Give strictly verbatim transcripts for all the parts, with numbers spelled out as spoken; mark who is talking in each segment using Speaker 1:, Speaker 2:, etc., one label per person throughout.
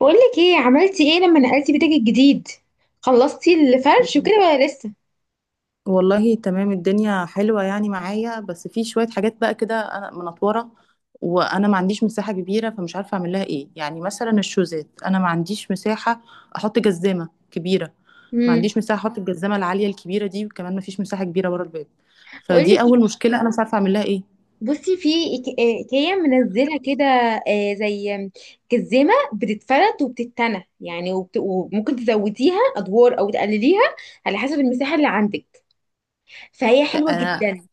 Speaker 1: بقولك ايه عملتي ايه لما نقلتي بيتك الجديد؟ خلصتي الفرش وكده ولا لسه؟
Speaker 2: والله تمام. الدنيا حلوة يعني معايا، بس في شوية حاجات بقى كده أنا منطورة، وأنا ما عنديش مساحة كبيرة، فمش عارفة أعمل لها إيه. يعني مثلا الشوزات، أنا ما عنديش مساحة أحط جزامة كبيرة، ما
Speaker 1: امم
Speaker 2: عنديش مساحة أحط الجزامة العالية الكبيرة دي، وكمان ما فيش مساحة كبيرة ورا الباب. فدي
Speaker 1: بقولك إيه،
Speaker 2: أول مشكلة أنا مش عارفة أعمل لها إيه.
Speaker 1: بصي في إيك- آه، ايكيا منزله كده. آه، زي جزمه بتتفرد وبتتنى يعني وبت... وممكن تزوديها ادوار او تقلليها على حسب المساحه اللي عندك. فهي
Speaker 2: ت-
Speaker 1: حلوه
Speaker 2: أنا
Speaker 1: جدا.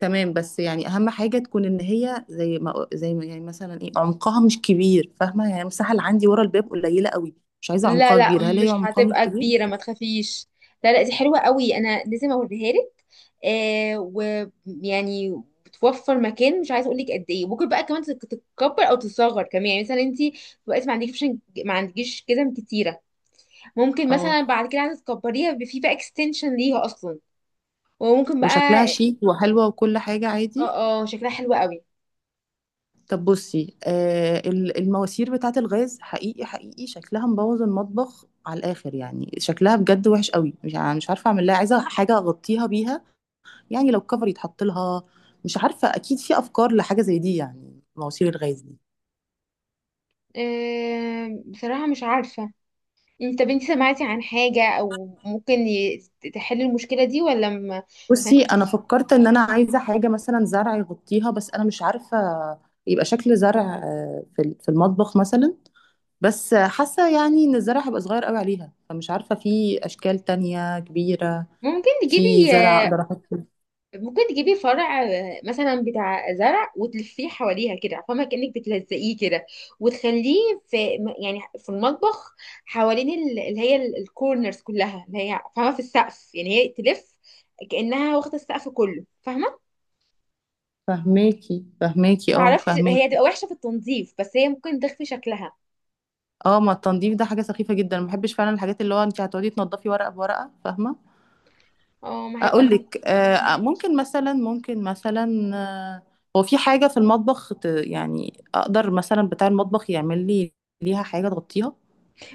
Speaker 2: تمام. بس يعني أهم حاجة تكون إن هي زي ما زي ما يعني مثلا إيه، عمقها مش كبير. فاهمة؟ يعني المساحة اللي عندي ورا الباب قليلة قوي، مش عايزة
Speaker 1: لا
Speaker 2: عمقها
Speaker 1: لا
Speaker 2: كبير. هل هي
Speaker 1: مش
Speaker 2: عمقها مش
Speaker 1: هتبقى
Speaker 2: كبير؟
Speaker 1: كبيرة، ما تخافيش. لا لا دي حلوة قوي، انا لازم اوريها لك. آه، ويعني بتوفر مكان مش عايزه اقول لك قد ايه. ممكن بقى كمان تت- تتكبر او تتصغر كمان، يعني مثلا انت دلوقتي ما عندكيش. ما عندكيش كده كتيره. ممكن
Speaker 2: اه،
Speaker 1: مثلا بعد كده عايزه تكبريها، بيبقى في بقى اكستنشن ليها اصلا. وممكن
Speaker 2: وشكلها
Speaker 1: بقى.
Speaker 2: شيك وحلوة وكل حاجة عادي.
Speaker 1: اه اه، شكلها حلو قوي.
Speaker 2: طب بصي، آه ال- المواسير بتاعة الغاز حقيقي حقيقي شكلها مبوظ المطبخ على الآخر، يعني شكلها بجد وحش قوي. مش يعني مش عارفة أعمل لها، عايزة حاجة أغطيها بيها. يعني لو كفر يتحط لها. مش عارفة، أكيد في أفكار لحاجة زي دي يعني، مواسير الغاز دي.
Speaker 1: آه بصراحه مش عارفه. انت بنتي سمعتي عن حاجه او ممكن ي- تحل المشكله دي ولا ما؟ ما
Speaker 2: بصي، أنا
Speaker 1: فيش.
Speaker 2: فكرت إن أنا عايزة حاجة مثلا زرع يغطيها، بس أنا مش عارفة. يبقى شكل زرع، آه، في في المطبخ مثلا. بس حاسة يعني ان الزرع هيبقى صغير قوي عليها، فمش عارفة في اشكال تانية كبيرة
Speaker 1: ممكن
Speaker 2: في
Speaker 1: تجيبي
Speaker 2: زرع
Speaker 1: آه،
Speaker 2: اقدر احط فيه.
Speaker 1: ممكن تجيبي فرع، آه، مثلا بتاع زرع، وتلفيه حواليها كده، فاهمة؟ كأنك بتلزقيه كده، وتخليه في م- يعني في المطبخ، حوالين ال- اللي هي ال- الكورنرز كلها، اللي هي فاهمة، في السقف. يعني هي تلف كأنها واخدة السقف كله، فاهمة؟
Speaker 2: فهماكي، فهماكي، اه،
Speaker 1: معرفش هي
Speaker 2: فهماكي.
Speaker 1: تبقى وحشة في التنظيف، بس هي ممكن تخفي شكلها.
Speaker 2: اه، ما التنظيف ده حاجة سخيفة جدا، ما بحبش فعلا الحاجات اللي هو انت هتقعدي تنضفي ورقة بورقة، فاهمة.
Speaker 1: اه، ما هيبقى.
Speaker 2: اقول لك، آه
Speaker 1: مم.
Speaker 2: ممكن مثلا، ممكن مثلا آه هو في حاجة في المطبخ، ت- يعني اقدر مثلا بتاع المطبخ يعمل لي ليها حاجة تغطيها.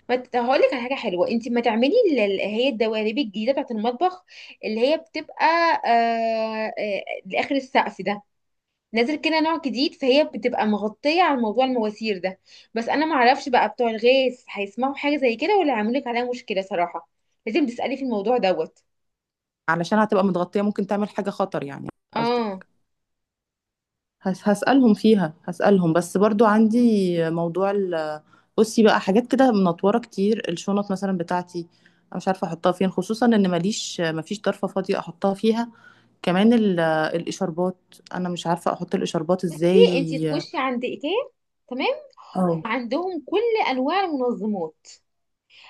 Speaker 1: ما ت- هقول لك على حاجه حلوه. انت ما تعملي اللي هي الدواليب الجديده بتاعت المطبخ اللي هي بتبقى، آه آه لاخر السقف ده، نازل كده، نوع جديد. فهي بتبقى مغطيه على موضوع المواسير ده. بس انا ما اعرفش بقى، بتوع الغاز هيسمعوا حاجه زي كده ولا هيعملوا لك عليها مشكله صراحه. لازم تسالي في الموضوع دوت.
Speaker 2: علشان هتبقى متغطية ممكن تعمل حاجة خطر يعني.
Speaker 1: اه،
Speaker 2: هس- هسألهم فيها، هسألهم. بس برضو عندي موضوع ال بصي. بقى حاجات كده منطورة كتير، الشنط مثلا بتاعتي، أنا مش عارفة أحطها فين، خصوصا إن ماليش، مفيش ضرفة فاضية أحطها فيها. كمان ال- الإشاربات، أنا مش عارفة أحط الإشاربات
Speaker 1: انت
Speaker 2: إزاي.
Speaker 1: تخشي عند ايكيا. تمام.
Speaker 2: اه،
Speaker 1: وعندهم كل انواع المنظمات.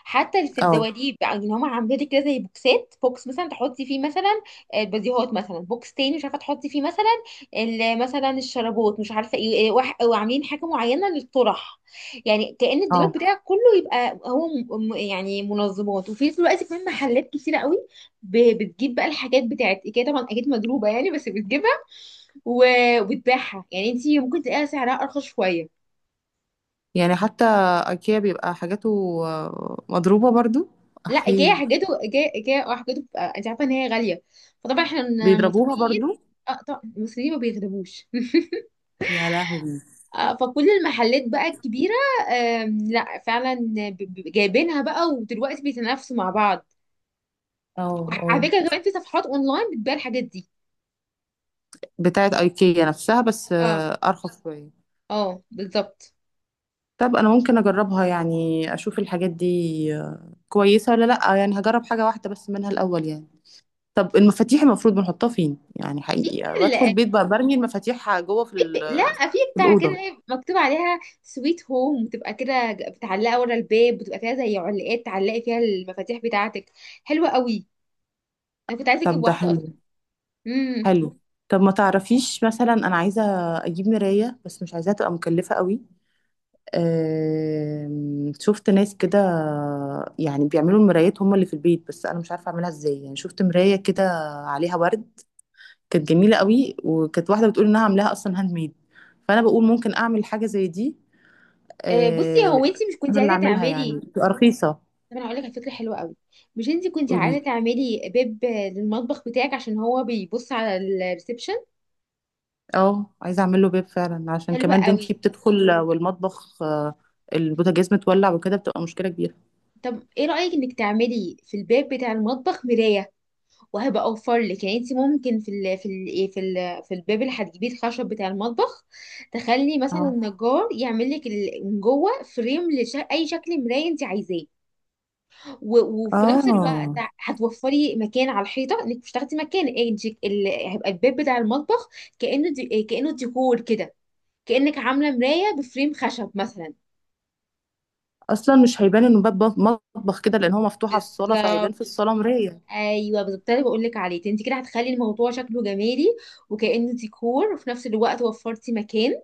Speaker 1: حتى في
Speaker 2: اه،
Speaker 1: الدواليب بقى، ان هم عاملين لك كده زي بوكسات، بوكس مثلا تحطي فيه مثلا البديهات، مثلا بوكس تاني مش عارفه تحطي فيه مثلا ال- مثلا الشرابات، مش عارفه ايه إيه، وح- وعاملين حاجه معينه للطرح. يعني كأن الدولاب
Speaker 2: اه.
Speaker 1: بتاعك كله يبقى هو م- م- يعني منظمات، وفي نفس الوقت كمان محلات كتيره قوي ب- بتجيب بقى الحاجات بتاعت ايكيا. طبعا اكيد مضروبه يعني، بس بتجيبها و- وبتبيعها، يعني انت ممكن تلاقيها سعرها ارخص شويه.
Speaker 2: يعني حتى ايكيا بيبقى حاجاته آه، مضروبة برضو.
Speaker 1: لا، ايكيا
Speaker 2: احي.
Speaker 1: حاجته، ايكيا ايكيا اه حاجته بتبقى، انت عارفه ان هي غاليه، فطبعا احنا
Speaker 2: بيضربوها برضو.
Speaker 1: المصريين. اه طبعا المصريين ما بيغلبوش
Speaker 2: يا لهوي.
Speaker 1: آه، فكل المحلات بقى الكبيره، آم، لا فعلا، ب- ب- جايبينها بقى، ودلوقتي بيتنافسوا مع بعض.
Speaker 2: اه، اه.
Speaker 1: وعلى فكره كمان في صفحات اونلاين بتبيع الحاجات دي.
Speaker 2: بتاعت ايكيا نفسها بس
Speaker 1: اه
Speaker 2: آه، ارخص شوية.
Speaker 1: اه، بالظبط.
Speaker 2: طب انا ممكن اجربها يعني، اشوف الحاجات دي آه، كويسه ولا لا. يعني هجرب حاجه واحده بس منها الاول يعني. طب المفاتيح المفروض بنحطها فين يعني؟
Speaker 1: في
Speaker 2: حقيقي
Speaker 1: كده
Speaker 2: بدخل
Speaker 1: ال-
Speaker 2: البيت بقى برمي المفاتيح جوه في
Speaker 1: في ب-
Speaker 2: ال-
Speaker 1: لا، في
Speaker 2: في
Speaker 1: بتاع كده
Speaker 2: الاوضه.
Speaker 1: إيه، مكتوب عليها سويت هوم، بتبقى كده ج- بتعلقها ورا الباب، بتبقى فيها زي علقات تعلقي فيها المفاتيح بتاعتك. حلوه قوي، انا كنت عايزه اجيب
Speaker 2: طب ده
Speaker 1: واحده
Speaker 2: حلو،
Speaker 1: اصلا. امم
Speaker 2: حلو. طب ما تعرفيش مثلا، انا عايزه اجيب مرايه، بس مش عايزاها تبقى مكلفه قوي. آم، شفت ناس كده يعني بيعملوا المرايات هم اللي في البيت، بس انا مش عارفه اعملها ازاي. يعني شفت مرايه كده عليها ورد، كانت جميله قوي، وكانت واحده بتقول انها عاملاها اصلا هاند ميد. فانا بقول ممكن اعمل حاجه زي دي.
Speaker 1: آه، بصي،
Speaker 2: آه،
Speaker 1: هو انت مش كنت
Speaker 2: انا اللي
Speaker 1: عايزه
Speaker 2: اعملها يعني
Speaker 1: تعملي؟
Speaker 2: تبقى رخيصه.
Speaker 1: طب انا هقول لك على فكره حلوه قوي. مش انت كنت عايزه
Speaker 2: قولي.
Speaker 1: تعملي باب، آه، للمطبخ بتاعك عشان هو بيبص على الريسبشن؟
Speaker 2: اه، عايزه اعمل له باب فعلا، عشان
Speaker 1: حلوه
Speaker 2: كمان
Speaker 1: قوي.
Speaker 2: بنتي بتدخل، آه، والمطبخ، آه، البوتاجاز متولع وكده بتبقى مشكله كبيره.
Speaker 1: طب ايه رايك انك تعملي في الباب بتاع المطبخ مرايه؟ وهبقى اوفر لك. يعني انت ممكن في ال في ال ايه، في ال في الباب اللي هتجيبيه، الخشب بتاع المطبخ، تخلي مثلا
Speaker 2: اه،
Speaker 1: النجار يعمل لك ال- من جوه فريم لاي شكل مرايه انت عايزاه. و- وفي نفس الوقت
Speaker 2: اه،
Speaker 1: هتوفري مكان على الحيطه، انك مش تاخدي مكان، إيه دي- ال- هيبقى الباب بتاع المطبخ كانه دي إيه، كانه ديكور كده. كانك عامله مرايه بفريم خشب مثلا.
Speaker 2: اصلا مش هيبان انه باب مطبخ كده، لان هو مفتوح على الصاله، فهيبان
Speaker 1: بالظبط،
Speaker 2: في الصاله مرايه.
Speaker 1: ايوه بالظبط، ده اللي بقول لك عليه. انت كده هتخلي الموضوع شكله جمالي، وكانه ديكور، وفي نفس الوقت وفرتي مكان،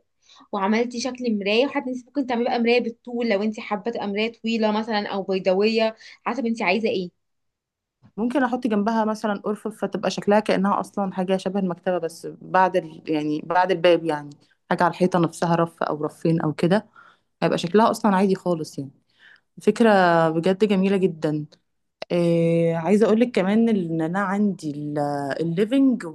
Speaker 1: وعملتي شكل مرايه. وحتى انت ممكن تعملي بقى مرايه بالطول، لو انت حابه تبقى مرايه طويله مثلا، او بيضاويه، حسب انت عايزه ايه.
Speaker 2: ممكن احط جنبها مثلا ارفف، فتبقى شكلها كانها اصلا حاجه شبه المكتبه، بس بعد ال... يعني بعد الباب يعني. حاجه على الحيطه نفسها، رف او رفين او كده، هيبقى شكلها اصلا عادي خالص يعني. فكره بجد جميله جدا. إيه... عايزه اقول لك كمان ان انا عندي الليفنج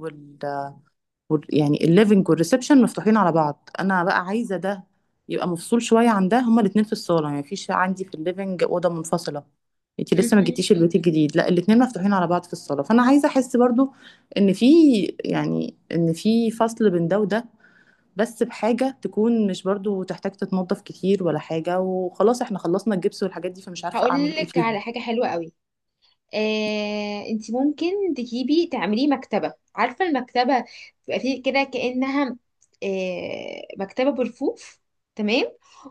Speaker 2: وال- يعني الليفنج والريسبشن مفتوحين على بعض. انا بقى عايزه ده يبقى مفصول شويه عن ده، هما الاثنين في الصاله، يعني مفيش عندي في الليفنج اوضه منفصله. انتي لسه ما
Speaker 1: مهم.
Speaker 2: جيتيش البيت الجديد، لا، الاثنين مفتوحين على بعض في الصاله. فانا عايزه احس برضو ان في، يعني ان في فصل بين ده وده، بس بحاجه تكون مش برضو تحتاج تتنظف كتير ولا حاجه، وخلاص احنا خلصنا الجبس والحاجات دي، فمش عارفه
Speaker 1: هقول
Speaker 2: اعمل ايه
Speaker 1: لك على
Speaker 2: فيهم.
Speaker 1: حاجه حلوه قوي. آه، انت ممكن تجيبي تعمليه مكتبة. عارفة المكتبة بيبقى فيه كده كأنها، آه، مكتبة برفوف. تمام.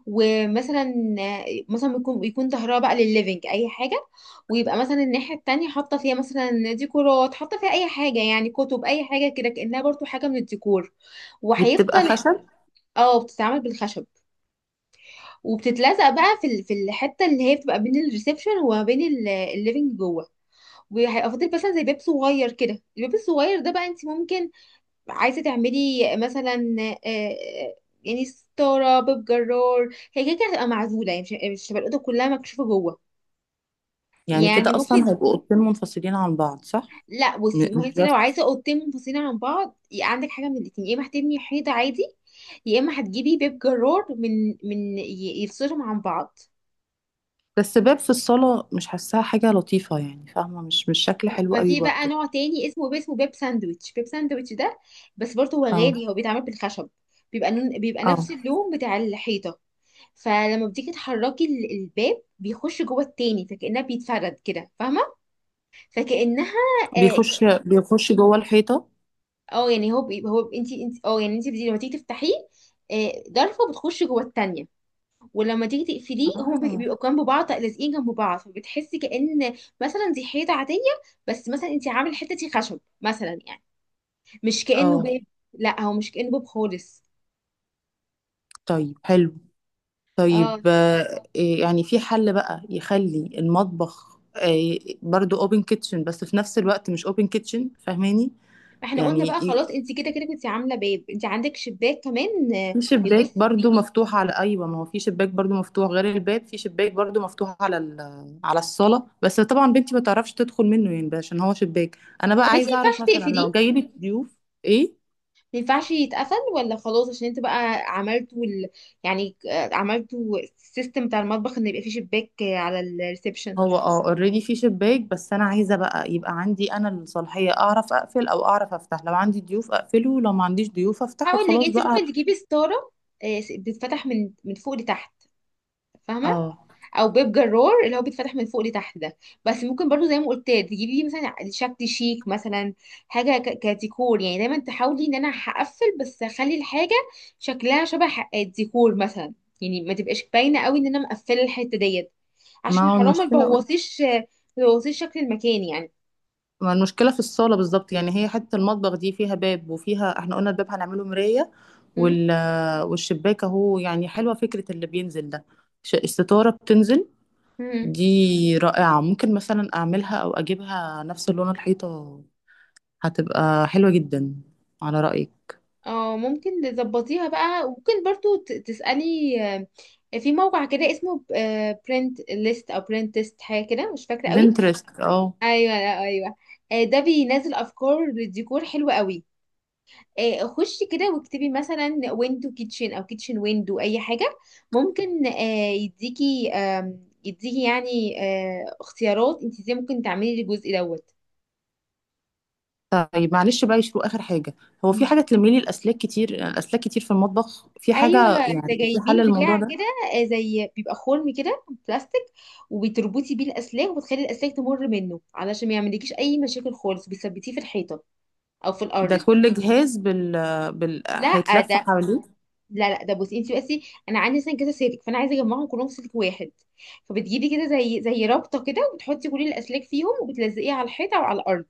Speaker 1: ومثلا، آه، مثلا يكون يكون ظهرها بقى للليفينج اي حاجة، ويبقى مثلا الناحية التانية حاطة فيها مثلا ديكورات، حاطة فيها اي حاجة، يعني كتب اي حاجة كده، كأنها برضو حاجة من الديكور.
Speaker 2: دي بتبقى
Speaker 1: وهيفضل.
Speaker 2: خشب؟
Speaker 1: اه، بتتعمل بالخشب. وبتتلزق بقى في ال- في الحتة اللي هي بتبقى بين الريسبشن وما بين الليفينج جوه. وهيبقى فاضل مثلا زي باب صغير كده. الباب الصغير ده بقى، انت ممكن عايزه تعملي مثلا، آه، آه، يعني ستاره، باب جرار. هي كده كده هتبقى معزوله، يعني مش مش هتبقى الاوضه كلها مكشوفه جوه.
Speaker 2: يعني
Speaker 1: يعني
Speaker 2: كده اصلا
Speaker 1: ممكن،
Speaker 2: هيبقوا اوضتين منفصلين عن بعض، صح؟
Speaker 1: لا بصي، ما
Speaker 2: م-
Speaker 1: هو
Speaker 2: مش
Speaker 1: انت لو
Speaker 2: بس،
Speaker 1: عايزه اوضتين منفصلين عن بعض، يبقى عندك حاجه من الاتنين: يا اما هتبني حيطه عادي، يا اما هتجيبي باب جرار من من ي- يفصلهم عن بعض.
Speaker 2: بس باب في الصالة مش حاساها حاجة لطيفة يعني، فاهمة، مش مش شكل
Speaker 1: لا،
Speaker 2: حلو
Speaker 1: ما
Speaker 2: قوي
Speaker 1: في بقى
Speaker 2: برضو.
Speaker 1: نوع تاني اسمه، اسمه بيب ساندويتش. بيب ساندويتش ده بس برضه هو
Speaker 2: اه،
Speaker 1: غالي. هو بيتعمل بالخشب، بيبقى نون، بيبقى
Speaker 2: اه،
Speaker 1: نفس اللون بتاع الحيطة. فلما بتيجي تحركي ال- الباب، بيخش جوه التاني، فكأنها بيتفرد كده، فاهمة؟ فكأنها، اه،
Speaker 2: بيخش،
Speaker 1: ك-
Speaker 2: بيخش جوه الحيطة.
Speaker 1: آه، يعني هو بي- هو انت، انت، اه يعني انت بتيجي- لما تيجي تفتحيه، آه، ضرفة بتخش جوه التانية. ولما تيجي تقفليه، هما بي-
Speaker 2: اه،
Speaker 1: بيبقوا جنب بعض، لازقين جنب بعض، فبتحسي كأن مثلا دي حيطة عادية، بس مثلا انت عامل حتتي خشب مثلا، يعني مش كأنه
Speaker 2: اه،
Speaker 1: باب. لا هو مش كأنه باب خالص.
Speaker 2: طيب حلو.
Speaker 1: اه،
Speaker 2: طيب، آه إيه يعني، في حل بقى يخلي المطبخ آه برضو اوبن كيتشن بس في نفس الوقت مش اوبن كيتشن، فاهماني؟
Speaker 1: فاحنا قلنا
Speaker 2: يعني
Speaker 1: بقى خلاص، انت كده كده كنت عامله باب، انت عندك شباك كمان، آه،
Speaker 2: في
Speaker 1: يبص.
Speaker 2: شباك برضو مفتوح على، ايوه، ما هو في شباك برضو مفتوح غير الباب، في شباك برضو مفتوح على... ال... على الصاله، بس طبعا بنتي ما تعرفش تدخل منه يعني بقى عشان هو شباك. انا بقى
Speaker 1: طب انت ما
Speaker 2: عايزه اعرف
Speaker 1: ينفعش
Speaker 2: مثلا لو
Speaker 1: تقفليه؟
Speaker 2: جاي لك ضيوف. ايه؟
Speaker 1: ما ينفعش يتقفل ولا خلاص؟ عشان انت بقى عملتوا ال... يعني آه، عملتوا السيستم بتاع المطبخ ان يبقى فيه شباك آه، على الريسبشن.
Speaker 2: هو، اه، اوريدي في شباك، بس انا عايزه بقى يبقى عندي انا الصلاحيه اعرف اقفل او اعرف افتح، لو عندي ضيوف اقفله، لو ما عنديش ضيوف افتحه
Speaker 1: هقول لك،
Speaker 2: خلاص
Speaker 1: انت ممكن
Speaker 2: بقى.
Speaker 1: تجيبي ستاره، آه، بتتفتح من من فوق لتحت، فاهمه؟
Speaker 2: اه.
Speaker 1: او بيب جرار اللي هو بيتفتح من فوق لتحت ده. بس ممكن برضو زي ما قلت تجيبي مثلا شكل شيك مثلا، حاجه ك- كديكور، يعني دايما تحاولي ان انا هقفل، بس اخلي الحاجه شكلها شبه ح- الديكور مثلا. يعني ما تبقاش باينه قوي ان انا مقفله الحته ديت، عشان
Speaker 2: ما هو
Speaker 1: حرام ما
Speaker 2: المشكله،
Speaker 1: تبوظيش، ما تبوظيش شكل المكان يعني.
Speaker 2: ما المشكله في الصاله بالظبط، يعني هي حته المطبخ دي فيها باب، وفيها احنا قلنا الباب هنعمله مرايه،
Speaker 1: مم.
Speaker 2: وال والشباك اهو. يعني حلوة فكرة اللي بينزل ده، ش- الستارة بتنزل،
Speaker 1: مم.
Speaker 2: دي رائعة. ممكن مثلا أعملها أو أجيبها نفس لون الحيطة، هتبقى حلوة جدا على رأيك.
Speaker 1: اه، ممكن تظبطيها بقى. ممكن برضو ت- تسألي، آه، في موقع كده اسمه برنت ليست او برنت تيست، حاجه كده مش فاكره قوي.
Speaker 2: بنترست، اه.
Speaker 1: ايوه، لا ايوه، آه، ده بينزل افكار للديكور حلوه قوي. آه، خشي كده واكتبي مثلا ويندو كيتشن او كيتشن ويندو اي حاجه. ممكن آه، يديكي، آم، يديكي يعني آه، اختيارات انت ازاي ممكن تعملي الجزء دوت.
Speaker 2: طيب معلش بقى يشوفوا آخر حاجة، هو في
Speaker 1: مم.
Speaker 2: حاجة تلمي لي الأسلاك؟ كتير الأسلاك كتير في المطبخ، في
Speaker 1: ايوه،
Speaker 2: حاجة
Speaker 1: ده
Speaker 2: يعني، في حل
Speaker 1: جايبين
Speaker 2: الموضوع
Speaker 1: بتاع
Speaker 2: ده؟
Speaker 1: كده، آه، زي بيبقى خرم كده بلاستيك، وبتربطي بيه الاسلاك، وبتخلي الاسلاك تمر منه، علشان ما يعملكيش اي مشاكل خالص. بتثبتيه في الحيطه او في
Speaker 2: ده
Speaker 1: الارض.
Speaker 2: كل جهاز بال بال
Speaker 1: لا
Speaker 2: هيتلف
Speaker 1: ده،
Speaker 2: حواليه؟
Speaker 1: لا لا ده، بصي انت بس. انا عندي مثلا كذا سلك، فانا عايزه اجمعهم كلهم في سلك واحد. فبتجيبي كده زي، زي رابطه كده، وبتحطي كل الاسلاك فيهم، وبتلزقيها على الحيطه او على الارض،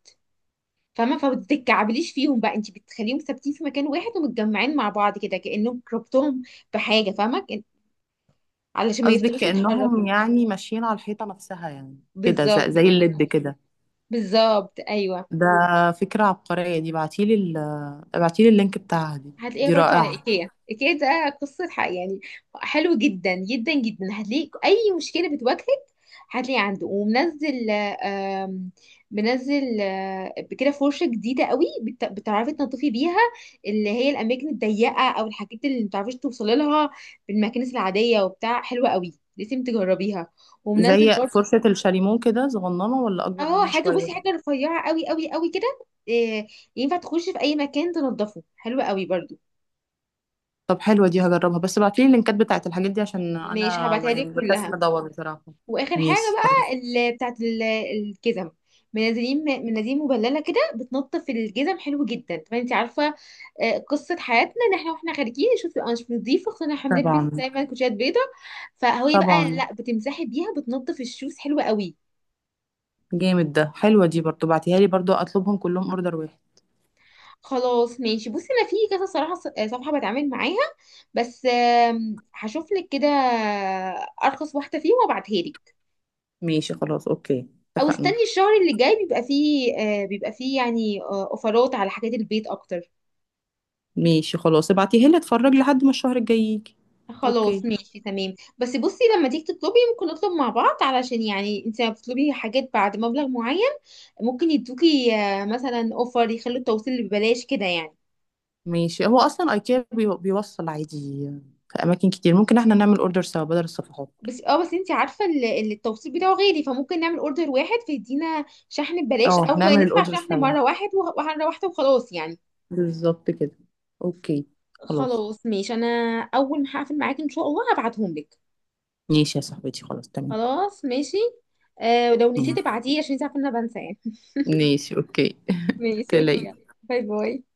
Speaker 1: فاهمه؟ فبتتكعبليش فيهم بقى، انت بتخليهم ثابتين في مكان واحد، ومتجمعين مع بعض كده كانهم ربطهم بحاجه، فاهمه؟ كأن- علشان ما
Speaker 2: قصدك
Speaker 1: يفضلوش يتحركوا.
Speaker 2: كأنهم يعني ماشيين على الحيطة نفسها يعني؟ كده زي,
Speaker 1: بالظبط
Speaker 2: زي
Speaker 1: كده.
Speaker 2: الليد كده؟
Speaker 1: بالظبط ايوه.
Speaker 2: ده فكرة عبقرية دي. ابعتيلي ال... ابعتيلي اللينك بتاعها دي،
Speaker 1: هتلاقيها
Speaker 2: دي
Speaker 1: برضو على
Speaker 2: رائعة.
Speaker 1: ايكيا. ايكيا ده قصة حق يعني. حلو جدا جدا جدا، هتلاقي اي مشكلة بتواجهك هتلاقي عنده. ومنزل، آم، منزل آه، كده فرشة جديدة قوي بت- بتعرفي تنظفي بيها اللي هي الأماكن الضيقة، أو الحاجات اللي متعرفيش توصلي لها بالماكينة العادية وبتاع. حلوة قوي لازم تجربيها. ومنزل
Speaker 2: زي
Speaker 1: برضو.
Speaker 2: فرشة الشاليمو كده صغننة، ولا أكبر
Speaker 1: اه
Speaker 2: منها
Speaker 1: حاجة،
Speaker 2: شوية؟
Speaker 1: بصي حاجة رفيعة قوي قوي قوي كده، آه، ينفع تخشي في أي مكان تنظفه. حلوة قوي برضو.
Speaker 2: طب حلوة دي، هجربها. بس ابعتيلي اللينكات بتاعت الحاجات دي عشان
Speaker 1: مش
Speaker 2: أنا
Speaker 1: هبعتها لك
Speaker 2: يعني بكسل
Speaker 1: كلها.
Speaker 2: أدور بصراحة.
Speaker 1: واخر حاجه
Speaker 2: ماشي
Speaker 1: بقى
Speaker 2: خلاص.
Speaker 1: اللي بتاعت ال- الجزم، منزلين مناديل مبلله كده بتنظف الجزم، حلو جدا. طبعا انت عارفه، آه، قصه حياتنا ان احنا واحنا خارجين نشوف انا مش نظيفه، خصوصا إن احنا بنلبس
Speaker 2: طبعا.
Speaker 1: دايما كوتشات بيضه. فهو بقى،
Speaker 2: طبعا.
Speaker 1: لا بتمسحي بيها بتنظف الشوز، حلوه قوي.
Speaker 2: جامد ده، حلوة دي برضو، بعتيها لي برضو، أطلبهم كلهم أوردر واحد.
Speaker 1: خلاص ماشي. بصي انا في كذا صراحه، ص- آه، صفحه بتعامل معاها، بس آم، هشوف لك كده ارخص واحده فيهم وابعتها لك.
Speaker 2: ماشي خلاص. أوكي،
Speaker 1: او
Speaker 2: اتفقنا.
Speaker 1: استني الشهر اللي جاي، بيبقى فيه آه، بيبقى فيه يعني آه، اوفرات على حاجات البيت اكتر.
Speaker 2: ماشي خلاص، ابعتيها لي، اتفرج لحد ما الشهر الجاي يجي.
Speaker 1: خلاص
Speaker 2: أوكي.
Speaker 1: ماشي تمام. بس بصي، لما تيجي تطلبي ممكن نطلب مع بعض، علشان يعني انت لما بتطلبي حاجات بعد مبلغ معين ممكن يدوكي آه، مثلا اوفر، يخلوا التوصيل ببلاش كده يعني.
Speaker 2: ماشي. هو اصلا ايكيا بي- بيوصل عادي في اماكن كتير، ممكن احنا نعمل اوردر سوا بدل الصفحات.
Speaker 1: بس اه، بس انت عارفه ال- ال- التوصيل بتاعه غالي. فممكن نعمل اوردر واحد، فيدينا شحن ببلاش،
Speaker 2: اه،
Speaker 1: او
Speaker 2: نعمل
Speaker 1: ندفع
Speaker 2: الاوردر
Speaker 1: شحن
Speaker 2: سوا،
Speaker 1: مره واحد وه- ومره واحده وخلاص يعني.
Speaker 2: بالظبط كده. اوكي. خلاص
Speaker 1: خلاص ماشي. انا اول ما هقفل معاك ان شاء الله هبعتهم لك.
Speaker 2: ماشي يا صاحبتي، خلاص تمام.
Speaker 1: خلاص ماشي. آه، ولو نسيت
Speaker 2: ماشي.
Speaker 1: ابعتيه، عشان انت عارفه ان انا بنسى يعني.
Speaker 2: ماشي، اوكي.
Speaker 1: ماشي اوكي، يلا.
Speaker 2: تلاقي
Speaker 1: باي باي.